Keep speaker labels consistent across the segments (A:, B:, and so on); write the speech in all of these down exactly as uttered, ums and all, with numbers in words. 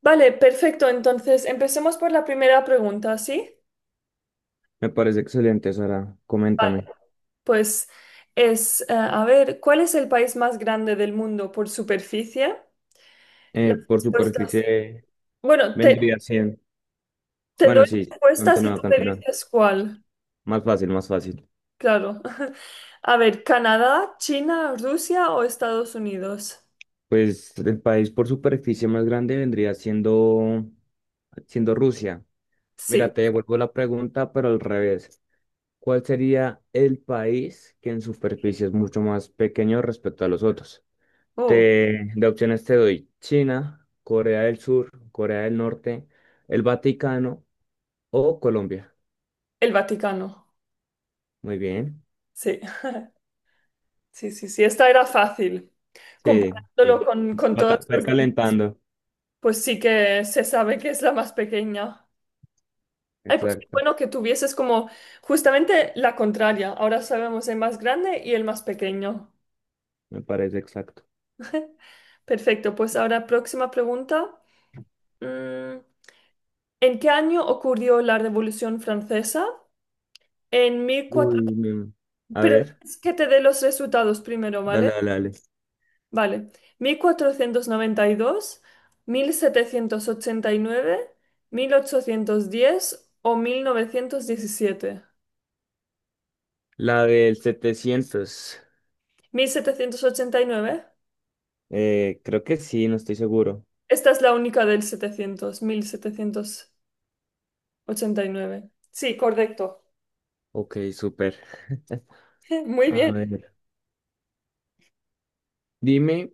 A: Vale, perfecto. Entonces, empecemos por la primera pregunta, ¿sí?
B: Me parece excelente, Sara.
A: Vale.
B: Coméntame.
A: Pues es, eh, a ver, ¿cuál es el país más grande del mundo por superficie? Las
B: Eh, por
A: respuestas.
B: superficie
A: Bueno, te,
B: vendría cien.
A: te
B: Bueno,
A: doy
B: sí,
A: respuestas y
B: continúa,
A: tú me
B: continúa.
A: dices cuál.
B: Más fácil, más fácil.
A: Claro. A ver, ¿Canadá, China, Rusia o Estados Unidos?
B: Pues el país por superficie más grande vendría siendo, siendo Rusia.
A: Sí.
B: Mira, te devuelvo la pregunta, pero al revés. ¿Cuál sería el país que en superficie es mucho más pequeño respecto a los otros?
A: Oh,
B: Te, de opciones te doy China, Corea del Sur, Corea del Norte, el Vaticano o Colombia.
A: el Vaticano.
B: Muy bien.
A: Sí. Sí, sí, sí. Esta era fácil.
B: Sí, sí.
A: Comparándolo con, con
B: Va
A: todos
B: ca- va
A: los... de-
B: calentando.
A: Pues sí que se sabe que es la más pequeña. Ay, pues qué
B: Exacto.
A: bueno que tuvieses como justamente la contraria. Ahora sabemos el más grande y el más pequeño.
B: Me parece exacto.
A: Perfecto, pues ahora próxima pregunta. Mm, ¿En qué año ocurrió la Revolución Francesa? En
B: Uy,
A: mil cuatrocientos...
B: mi- a
A: Pero
B: ver.
A: es que te dé los resultados primero,
B: Dale,
A: ¿vale?
B: dale, dale.
A: Vale. Mil mil cuatrocientos noventa y y dos, mil setecientos ochenta y nueve, mil ochocientos diez o mil Mil novecientos diecisiete.
B: La del setecientos.
A: Mil setecientos ochenta y nueve.
B: Eh, creo que sí, no estoy seguro.
A: Esta es la única del setecientos setecientos mil setecientos ochenta y nueve. Sí, correcto.
B: Ok, súper.
A: Muy
B: A
A: bien.
B: ver. Dime,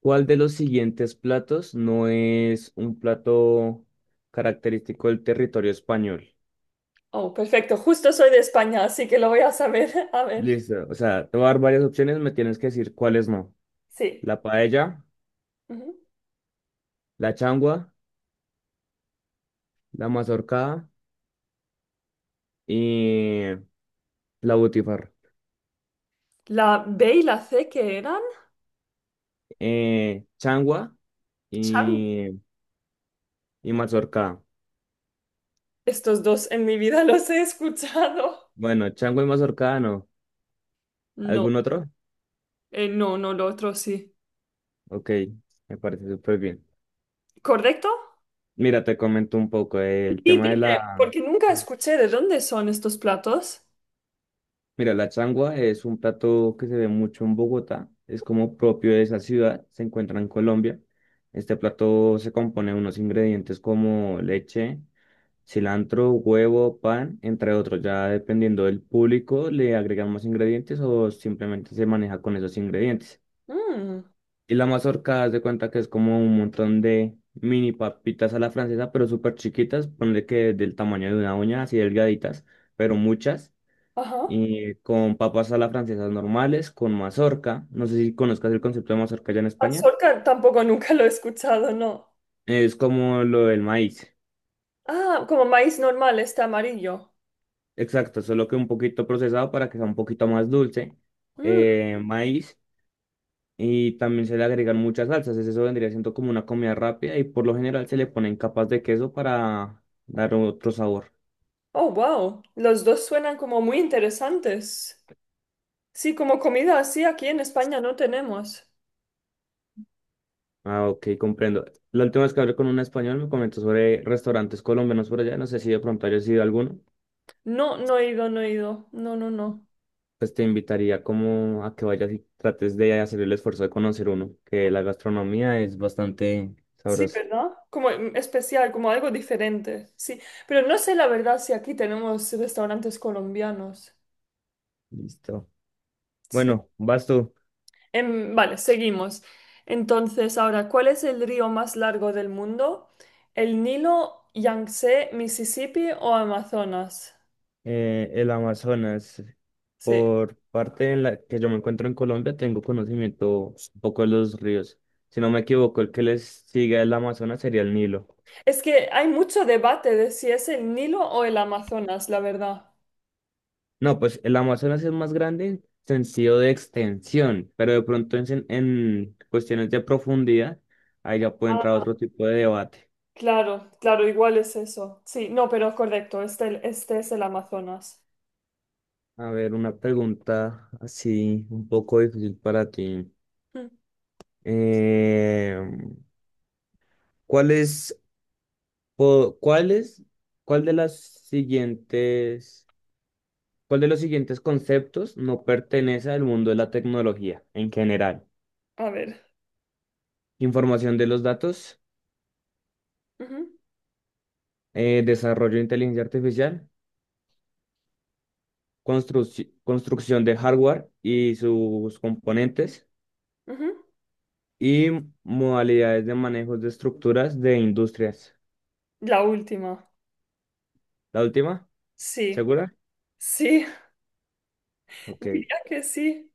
B: ¿cuál de los siguientes platos no es un plato característico del territorio español?
A: Oh, perfecto. Justo soy de España, así que lo voy a saber. A ver,
B: Listo. O sea, te voy a dar varias opciones, me tienes que decir cuáles no.
A: sí.
B: La paella,
A: Ujú.
B: la changua, la mazorca y la butifarra.
A: La B y la C, ¿qué eran?
B: Eh, changua
A: Chan.
B: y, y mazorca.
A: Estos dos en mi vida los he escuchado.
B: Bueno, changua y mazorca no.
A: No,
B: ¿Algún otro?
A: eh, no, no, lo otro sí.
B: Ok, me parece súper bien.
A: ¿Correcto?
B: Mira, te comento un poco eh, el
A: Sí,
B: tema de
A: dime,
B: la...
A: porque nunca escuché de dónde son estos platos.
B: Mira, la changua es un plato que se ve mucho en Bogotá, es como propio de esa ciudad, se encuentra en Colombia. Este plato se compone de unos ingredientes como leche, cilantro, huevo, pan, entre otros. Ya dependiendo del público, le agregan más ingredientes o simplemente se maneja con esos ingredientes.
A: Mm,
B: Y la mazorca, haz de cuenta que es como un montón de mini papitas a la francesa, pero súper chiquitas, ponle que del tamaño de una uña, así delgaditas, pero muchas.
A: ajá.
B: Y con papas a la francesa normales, con mazorca. No sé si conozcas el concepto de mazorca allá en
A: Al
B: España.
A: solca tampoco nunca lo he escuchado, no.
B: Es como lo del maíz.
A: Ah, como maíz normal, este amarillo.
B: Exacto, solo que un poquito procesado para que sea un poquito más dulce.
A: Mm.
B: eh, maíz y también se le agregan muchas salsas. Eso vendría siendo como una comida rápida y por lo general se le ponen capas de queso para dar otro sabor.
A: Oh, wow. Los dos suenan como muy interesantes. Sí, como comida así aquí en España no tenemos.
B: Ah, ok, comprendo. La última vez que hablé con un español me comentó sobre restaurantes colombianos por allá. No sé si de pronto hayas ido a alguno.
A: No, no he ido, no he ido. No, no, no.
B: Pues te invitaría como a que vayas y trates de hacer el esfuerzo de conocer uno, que la gastronomía es bastante
A: Sí,
B: sabrosa.
A: ¿verdad? Como mm, especial, como algo diferente. Sí, pero no sé la verdad si aquí tenemos restaurantes colombianos.
B: Listo.
A: Sí.
B: Bueno, vas tú.
A: Em, vale, seguimos. Entonces, ahora, ¿cuál es el río más largo del mundo? ¿El Nilo, Yangtze, Mississippi o Amazonas?
B: eh, el Amazonas.
A: Sí.
B: Por parte en la que yo me encuentro en Colombia, tengo conocimiento un poco de los ríos. Si no me equivoco, el que les sigue el Amazonas sería el Nilo.
A: Es que hay mucho debate de si es el Nilo o el Amazonas, la verdad.
B: No, pues el Amazonas es más grande en sentido de extensión, pero de pronto en, sen- en cuestiones de profundidad, ahí ya puede entrar
A: Ah,
B: otro tipo de debate.
A: claro, claro, igual es eso. Sí, no, pero correcto, este, este es el Amazonas.
B: A ver, una pregunta así un poco difícil para ti.
A: Mm.
B: Eh, ¿cuál es Po- ¿Cuál es- cuál de las siguientes, cuál de los siguientes conceptos no pertenece al mundo de la tecnología en general?
A: A ver.
B: Información de los datos,
A: Ujú,
B: eh, desarrollo de inteligencia artificial, construc- construcción de hardware y sus componentes
A: ujú.
B: y modalidades de manejo de estructuras de industrias.
A: La última.
B: ¿La última?
A: Sí,
B: ¿Segura?
A: sí,
B: Ok.
A: diría que sí.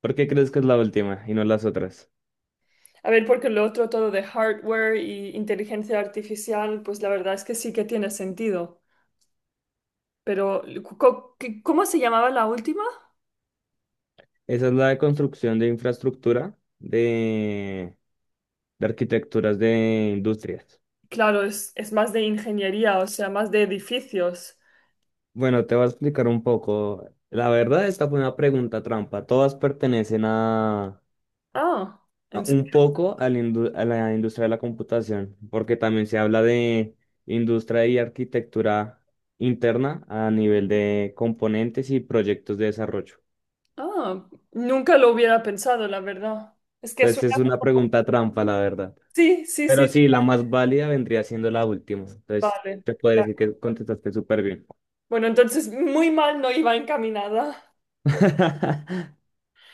B: ¿Por qué crees que es la última y no las otras?
A: A ver, porque lo otro todo de hardware y inteligencia artificial, pues la verdad es que sí que tiene sentido. Pero, co- qué- ¿cómo se llamaba la última?
B: Esa es la de construcción de infraestructura de de arquitecturas de industrias.
A: Claro, es, es más de ingeniería, o sea, más de edificios.
B: Bueno, te voy a explicar un poco. La verdad, esta fue una pregunta trampa. Todas pertenecen a,
A: Ah, ¿en
B: a un
A: serio?
B: poco a la, indu- a la industria de la computación, porque también se habla de industria y arquitectura interna a nivel de componentes y proyectos de desarrollo.
A: Ah, nunca lo hubiera pensado, la verdad. Es que suena
B: Entonces es una
A: como...
B: pregunta trampa, la verdad.
A: Sí, sí,
B: Pero
A: sí.
B: sí, la más válida vendría siendo la última. Entonces,
A: Vale.
B: te podría
A: Claro.
B: decir que contestaste súper bien.
A: Bueno, entonces muy mal no iba encaminada.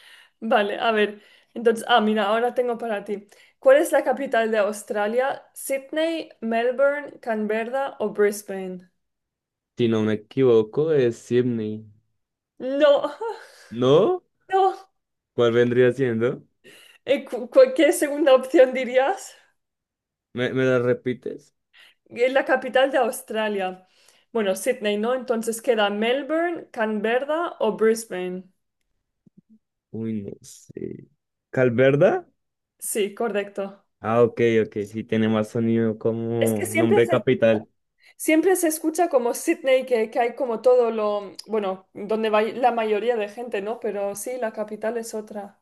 A: Vale, a ver. Entonces, ah, mira, ahora tengo para ti. ¿Cuál es la capital de Australia? ¿Sydney, Melbourne, Canberra o Brisbane?
B: Si no me equivoco, es Sydney.
A: No,
B: ¿No?
A: no.
B: ¿Cuál vendría siendo?
A: Eh, cu- cu- ¿Qué segunda opción dirías?
B: ¿Me, me la repites?
A: Es la capital de Australia. Bueno, Sydney, ¿no? Entonces queda Melbourne, Canberra o Brisbane.
B: Uy, no sé. ¿Calverda?
A: Sí, correcto.
B: Ah, ok, ok, sí tiene más sonido
A: Es que
B: como
A: siempre
B: nombre de
A: se,
B: capital.
A: siempre se escucha como Sydney, que, que hay como todo lo, bueno, donde va la mayoría de gente, ¿no? Pero sí, la capital es otra.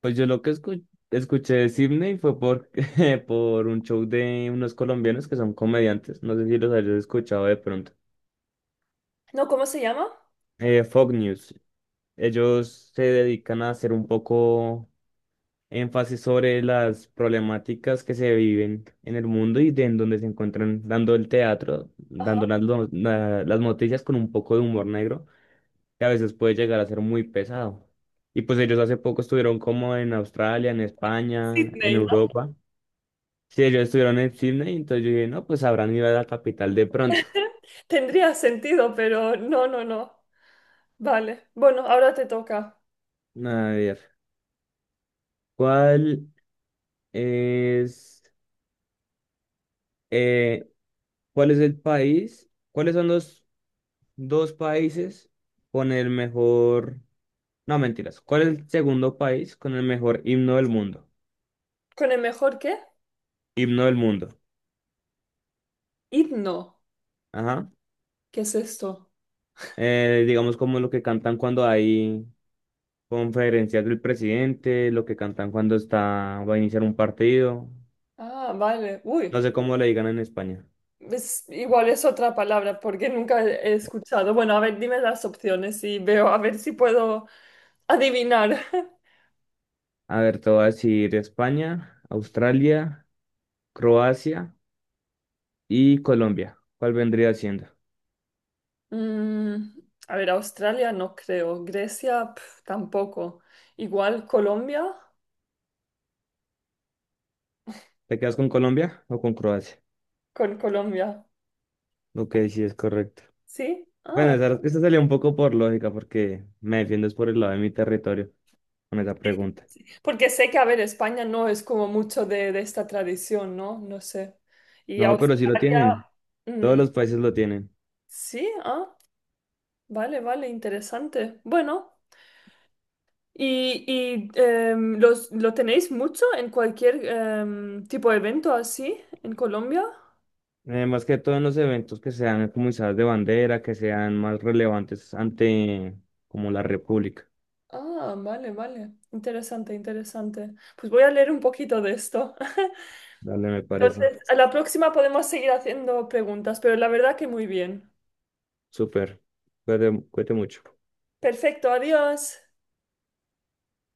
B: Pues yo lo que escu- escuché de Sydney fue por, por un show de unos colombianos que son comediantes. No sé si los hayas escuchado de pronto.
A: No, ¿cómo se llama?
B: Eh, Fox News. Ellos se dedican a hacer un poco énfasis sobre las problemáticas que se viven en el mundo y de en donde se encuentran dando el teatro, dando las, lo- la- las noticias con un poco de humor negro, que a veces puede llegar a ser muy pesado. Y pues ellos hace poco estuvieron como en Australia, en España, en
A: Sydney, ¿no?
B: Europa. Sí, ellos estuvieron en Sydney, entonces yo dije, no, pues habrán ido a la capital de pronto.
A: Tendría sentido, pero no, no, no. Vale. Bueno, ahora te toca.
B: A ver, ¿cuál es, eh, cuál es el país? ¿Cuáles son los dos países con el mejor... No, mentiras. ¿Cuál es el segundo país con el mejor himno del mundo?
A: ¿Con el mejor qué?
B: Himno del mundo.
A: Himno.
B: Ajá.
A: ¿Qué es esto?
B: Eh, digamos como lo que cantan cuando hay conferencias del presidente, lo que cantan cuando está, va a iniciar un partido.
A: Ah, vale. Uy.
B: No sé cómo le digan en España.
A: Es, igual es otra palabra porque nunca he escuchado. Bueno, a ver, dime las opciones y veo a ver si puedo adivinar.
B: A ver, te voy a decir España, Australia, Croacia y Colombia. ¿Cuál vendría siendo?
A: Mm, a ver, Australia no creo. Grecia pf, tampoco. Igual Colombia
B: ¿Te quedas con Colombia o con Croacia?
A: con Colombia.
B: Ok, sí es correcto.
A: ¿Sí?
B: Bueno,
A: Ah,
B: esta, esta salía un poco por lógica porque me defiendo es por el lado de mi territorio con esa
A: sí,
B: pregunta.
A: sí. Porque sé que, a ver, España no es como mucho de, de esta tradición, ¿no? No sé. Y
B: No, pero sí lo
A: Australia,
B: tienen. Todos
A: mm,
B: los países lo tienen.
A: sí, ah, vale, vale, interesante. Bueno. ¿Y, y, em, los, lo tenéis mucho en cualquier em, tipo de evento así en Colombia?
B: Eh, más que todo en los eventos que sean como izadas de bandera, que sean más relevantes ante como la República.
A: Ah, vale, vale. Interesante, interesante. Pues voy a leer un poquito de esto.
B: Dale, me parece.
A: Entonces, a la próxima podemos seguir haciendo preguntas, pero la verdad que muy bien.
B: Súper. Cuídate, cuídate mucho.
A: Perfecto, adiós.